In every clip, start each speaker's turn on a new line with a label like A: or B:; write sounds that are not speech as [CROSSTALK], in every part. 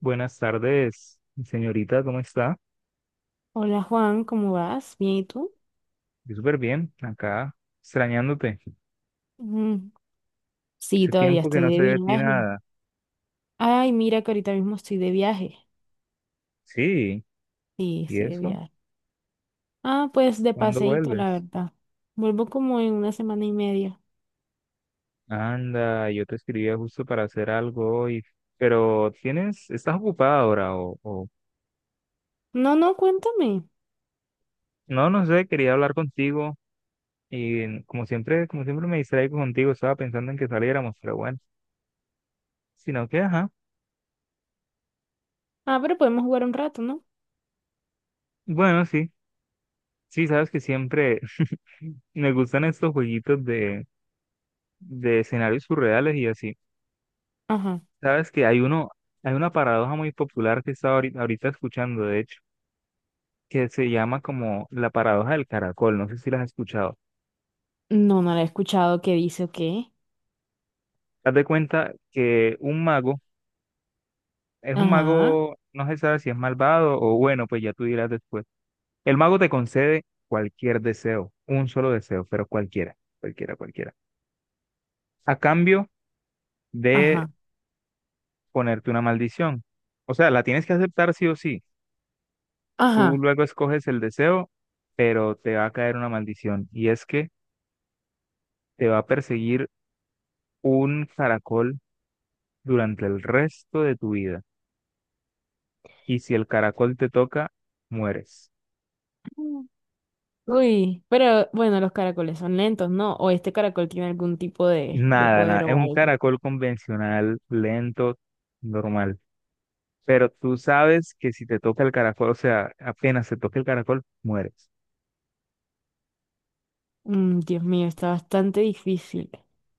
A: Buenas tardes, señorita, ¿cómo está?
B: Hola Juan, ¿cómo vas? ¿Bien y tú?
A: Yo súper bien, acá, extrañándote.
B: Mm, sí,
A: Hace
B: todavía
A: tiempo que
B: estoy
A: no
B: de
A: sé de ti
B: viaje.
A: nada.
B: Ay, mira que ahorita mismo estoy de viaje.
A: Sí,
B: Sí,
A: ¿y
B: estoy de
A: eso?
B: viaje. Ah, pues de
A: ¿Cuándo
B: paseíto, la
A: vuelves?
B: verdad. Vuelvo como en una semana y media.
A: Anda, yo te escribía justo para hacer algo hoy, pero tienes, estás ocupada ahora o
B: No, no, cuéntame.
A: No, no sé, quería hablar contigo y como siempre me distraigo contigo, estaba pensando en que saliéramos, pero bueno, sino que, ajá,
B: Ah, pero podemos jugar un rato, ¿no?
A: bueno, sí, sí, sabes que siempre [LAUGHS] me gustan estos jueguitos de escenarios surreales y así.
B: Ajá.
A: Sabes que hay uno, hay una paradoja muy popular que estaba ahorita escuchando, de hecho, que se llama como la paradoja del caracol. No sé si la has escuchado.
B: No, no la he escuchado. ¿Qué dice o qué?
A: Haz de cuenta que un mago es un
B: Ajá,
A: mago, no se sabe si es malvado o bueno, pues ya tú dirás después. El mago te concede cualquier deseo, un solo deseo, pero cualquiera, cualquiera, cualquiera, a cambio de
B: ajá,
A: ponerte una maldición. O sea, la tienes que aceptar sí o sí. Tú
B: ajá.
A: luego escoges el deseo, pero te va a caer una maldición y es que te va a perseguir un caracol durante el resto de tu vida. Y si el caracol te toca, mueres.
B: Mm. Uy, pero bueno, los caracoles son lentos, ¿no? O este caracol tiene algún tipo de
A: Nada, nada.
B: poder
A: Es
B: o
A: un
B: algo.
A: caracol convencional, lento, normal. Pero tú sabes que si te toca el caracol, o sea, apenas te toca el caracol, mueres.
B: Mm, Dios mío, está bastante difícil.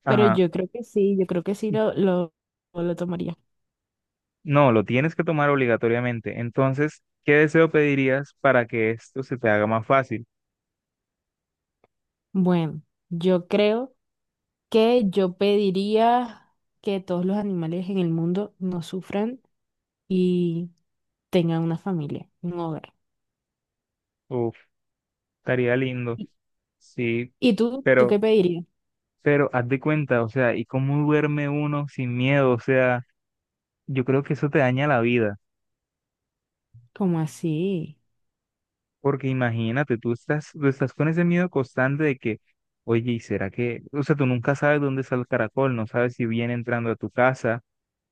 B: Pero
A: Ajá.
B: yo creo que sí, yo creo que sí lo tomaría.
A: No, lo tienes que tomar obligatoriamente. Entonces, ¿qué deseo pedirías para que esto se te haga más fácil?
B: Bueno, yo creo que yo pediría que todos los animales en el mundo no sufran y tengan una familia, un hogar.
A: Uf. Estaría lindo,
B: ¿Y,
A: sí,
B: y tú qué
A: pero,
B: pedirías?
A: pero haz de cuenta, o sea, ¿y cómo duerme uno sin miedo? O sea, yo creo que eso te daña la vida,
B: ¿Cómo así?
A: porque imagínate, tú estás con ese miedo constante de que, oye, ¿y será que, o sea, tú nunca sabes dónde está el caracol, no sabes si viene entrando a tu casa,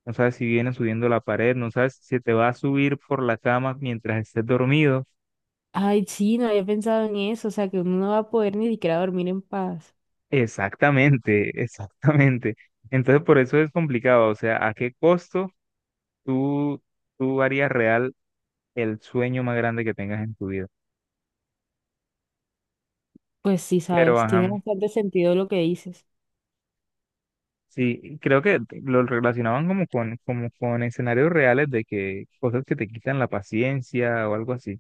A: no sabes si viene subiendo la pared, no sabes si te va a subir por la cama mientras estés dormido?
B: Ay, sí, no había pensado en eso, o sea, que uno no va a poder ni siquiera dormir en paz.
A: Exactamente, [LAUGHS] exactamente. Entonces, por eso es complicado, o sea, ¿a qué costo? Tú, tú harías real el sueño más grande que tengas en tu vida.
B: Pues sí,
A: Pero,
B: sabes, tiene
A: ajá,
B: bastante sentido lo que dices.
A: sí, creo que lo relacionaban como con escenarios reales de que cosas que te quitan la paciencia o algo así.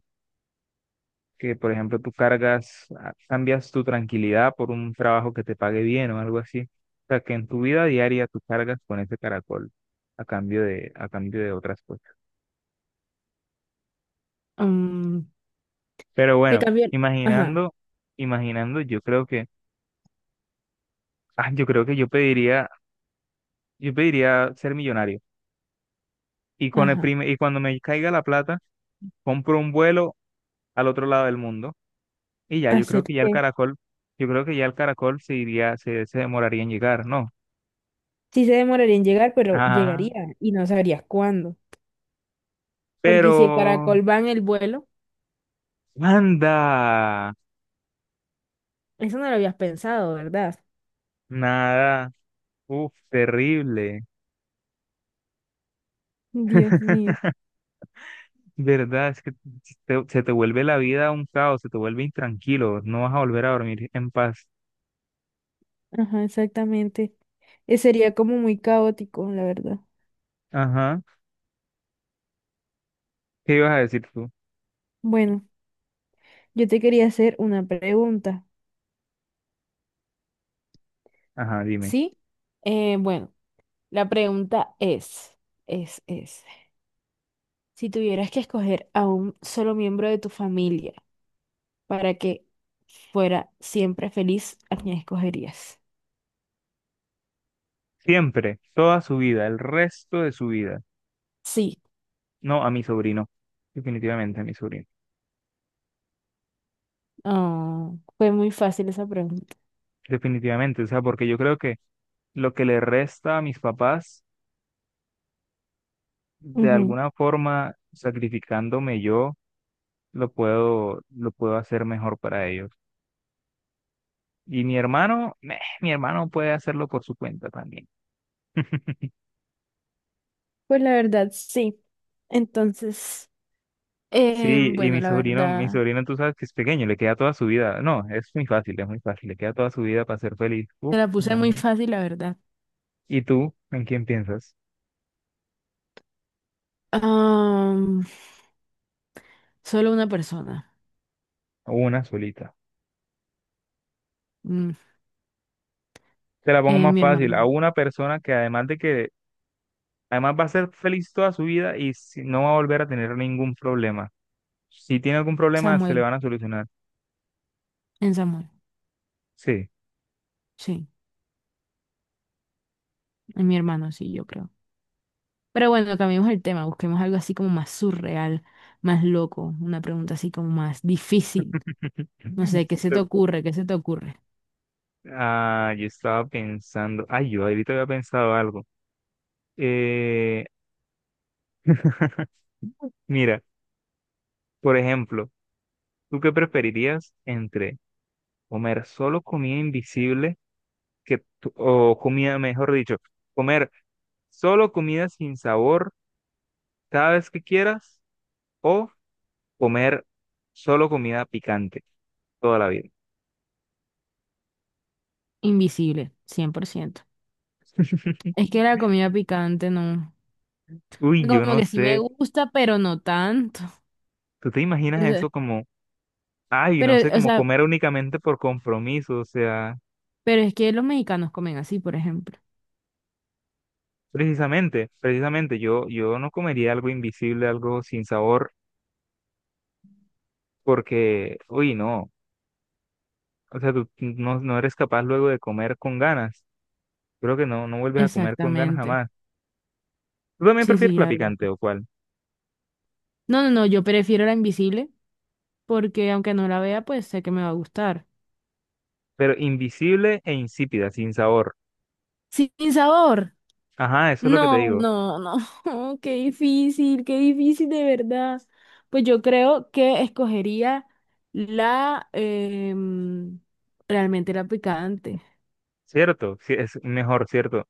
A: Que, por ejemplo, tú cargas, ah, cambias tu tranquilidad por un trabajo que te pague bien o algo así. O sea, que en tu vida diaria tú cargas con ese caracol a cambio de otras cosas.
B: Mm,
A: Pero
B: te
A: bueno,
B: cambió. Ajá,
A: imaginando, imaginando, yo creo que, ah, yo creo que yo pediría. Yo pediría ser millonario. Y con el
B: ajá.
A: prime- y cuando me caiga la plata, compro un vuelo al otro lado del mundo. Y ya, yo creo que ya el
B: Acerté.
A: caracol, yo creo que ya el caracol se iría, se demoraría en llegar, ¿no?
B: Sí se demoraría en llegar, pero
A: Ajá.
B: llegaría y no sabrías cuándo. Porque si el
A: Pero,
B: caracol va en el vuelo,
A: anda,
B: eso no lo habías pensado, ¿verdad?
A: nada. Uf, terrible.
B: Dios
A: [LAUGHS]
B: mío.
A: ¿Verdad? Es que te- se te vuelve la vida un caos, se te vuelve intranquilo, no vas a volver a dormir en paz.
B: Ajá, exactamente. Sería como muy caótico, la verdad.
A: Ajá. ¿Qué ibas a decir tú?
B: Bueno, yo te quería hacer una pregunta.
A: Ajá, dime.
B: Sí. Bueno, la pregunta es, si tuvieras que escoger a un solo miembro de tu familia para que fuera siempre feliz, ¿a quién escogerías?
A: Siempre, toda su vida, el resto de su vida.
B: Sí.
A: No, a mi sobrino, definitivamente a mi sobrino,
B: Ah, fue muy fácil esa pregunta.
A: definitivamente, o sea, porque yo creo que lo que le resta a mis papás, de
B: Ujú.
A: alguna forma, sacrificándome yo, lo puedo hacer mejor para ellos. Y mi hermano, meh, mi hermano puede hacerlo por su cuenta también.
B: Pues la verdad, sí. Entonces,
A: Sí, y
B: bueno, la
A: mi
B: verdad,
A: sobrino, tú sabes que es pequeño, le queda toda su vida. No, es muy fácil, le queda toda su vida para ser feliz.
B: te
A: Uf,
B: la
A: me
B: puse muy
A: imagino.
B: fácil, la verdad.
A: ¿Y tú, en quién piensas?
B: Am, solo una persona.
A: Una solita.
B: Mm,
A: Te la pongo más
B: mi
A: fácil, a
B: hermano,
A: una persona que además de que. Además va a ser feliz toda su vida y si- no va a volver a tener ningún problema. Si tiene algún problema, se le
B: Samuel,
A: van a solucionar.
B: en Samuel.
A: Sí.
B: Sí, en mi hermano, sí, yo creo. Pero bueno, cambiemos el tema, busquemos algo así como más surreal, más loco, una pregunta así como más difícil.
A: [LAUGHS]
B: No sé, ¿qué
A: Sí,
B: se te
A: lo-
B: ocurre? ¿Qué se te ocurre?
A: Ah, yo estaba pensando, ay, yo ahorita había pensado algo. Eh, [LAUGHS] mira, por ejemplo, ¿tú qué preferirías entre comer solo comida invisible que, tú- o comida, mejor dicho, comer solo comida sin sabor cada vez que quieras o comer solo comida picante toda la vida?
B: Invisible, 100%.
A: [LAUGHS]
B: Es que la comida picante no.
A: Uy, yo
B: Como
A: no
B: que sí me
A: sé.
B: gusta, pero no tanto.
A: ¿Tú te imaginas
B: Es-
A: eso como, ay,
B: Pero,
A: no sé,
B: o
A: como
B: sea,
A: comer únicamente por compromiso? O sea,
B: pero es que los mexicanos comen así, por ejemplo.
A: precisamente, precisamente, yo no comería algo invisible, algo sin sabor, porque, uy, no. O sea, tú no, no eres capaz luego de comer con ganas. Creo que no, no vuelves a comer con ganas
B: Exactamente.
A: jamás. ¿Tú también
B: Sí,
A: prefieres
B: sí,
A: la
B: la verdad.
A: picante o cuál?
B: No, no, no, yo prefiero la invisible porque aunque no la vea, pues sé que me va a gustar.
A: Pero invisible e insípida, sin sabor.
B: Sin sabor.
A: Ajá, eso es lo que te
B: No,
A: digo.
B: no, no. [LAUGHS] Oh, qué difícil de verdad. Pues yo creo que escogería la, em, realmente la picante.
A: Cierto, sí, es mejor, cierto.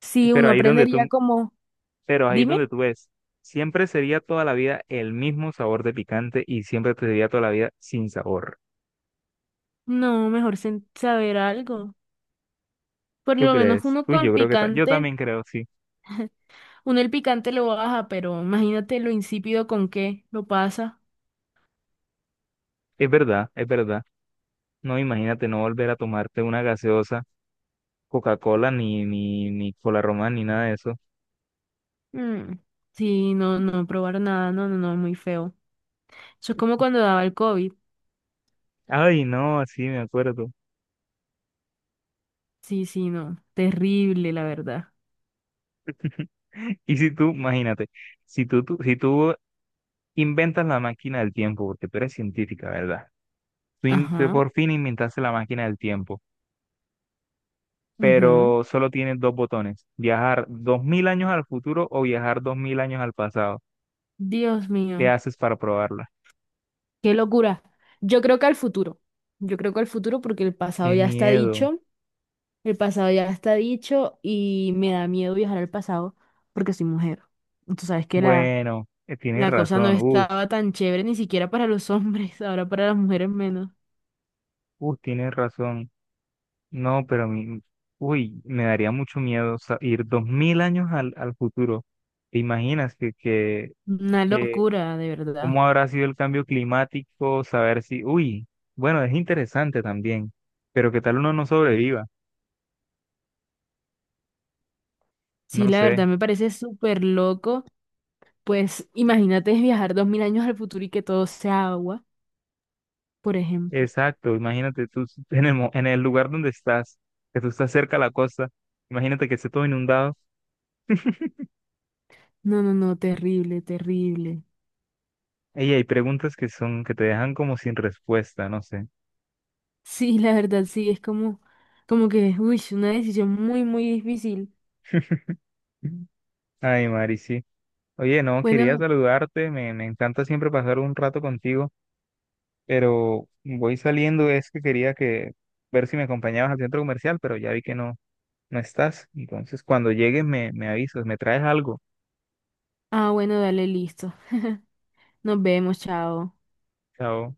B: Sí,
A: Pero
B: uno
A: ahí donde
B: aprendería
A: tú,
B: como,
A: pero ahí es
B: dime.
A: donde tú ves, siempre sería toda la vida el mismo sabor de picante y siempre te sería toda la vida sin sabor.
B: No, mejor saber algo. Por
A: ¿Tú
B: lo menos
A: crees?
B: uno
A: Uy,
B: con
A: yo
B: el
A: creo que ta- yo
B: picante,
A: también creo, sí.
B: uno el picante lo baja, pero imagínate lo insípido con que lo pasa.
A: Es verdad, es verdad. No, imagínate no volver a tomarte una gaseosa, Coca-Cola, ni, ni, ni Cola Román, ni nada de eso.
B: Mm, sí, no, no probar nada, no, no, no, muy feo. Eso es como cuando daba el COVID.
A: Ay, no, sí, me acuerdo.
B: Sí, sí, no, terrible, la verdad.
A: [LAUGHS] Y si tú, imagínate, si tú, tú- si tú inventas la máquina del tiempo, porque tú eres científica, ¿verdad? Tú in- tú
B: Ajá,
A: por fin inventaste la máquina del tiempo.
B: ujú.
A: Pero solo tienes dos botones, viajar 2000 años al futuro o viajar 2000 años al pasado.
B: Dios
A: ¿Qué
B: mío,
A: haces para probarla?
B: qué locura. Yo creo que al futuro, yo creo que al futuro porque el pasado
A: Qué
B: ya está
A: miedo.
B: dicho. El pasado ya está dicho y me da miedo viajar al pasado porque soy mujer. Y tú sabes que la,
A: Bueno, tienes
B: la cosa no
A: razón.
B: estaba tan chévere ni siquiera para los [LAUGHS] hombres, ahora para las mujeres menos.
A: Tienes razón. No, pero mi, uy, me daría mucho miedo sa- ir 2000 años al, al futuro. ¿Te imaginas
B: Una
A: que
B: locura, de verdad.
A: cómo habrá sido el cambio climático? Saber si, uy, bueno, es interesante también, pero qué tal uno no sobreviva.
B: Sí,
A: No
B: la
A: sé.
B: verdad me parece súper loco. Pues imagínate viajar 2.000 años al futuro y que todo sea agua, por ejemplo.
A: Exacto, imagínate tú en el, mo- en el lugar donde estás, que tú estás cerca a la costa, imagínate que esté todo inundado.
B: No, no, no, terrible, terrible. [LAUGHS]
A: Ey, hay preguntas que son, que te dejan como sin respuesta, no sé.
B: Sí, la verdad sí, es como, como que, uy, una decisión muy, muy difícil.
A: [LAUGHS] Ay, Mari, sí. Oye, no, quería
B: Bueno,
A: saludarte, me encanta siempre pasar un rato contigo, pero voy saliendo, es que quería que ver si me acompañabas al centro comercial, pero ya vi que no, no estás. Entonces, cuando llegues me avisas, me traes algo.
B: bueno, dale, listo. Nos vemos, chao.
A: Chao.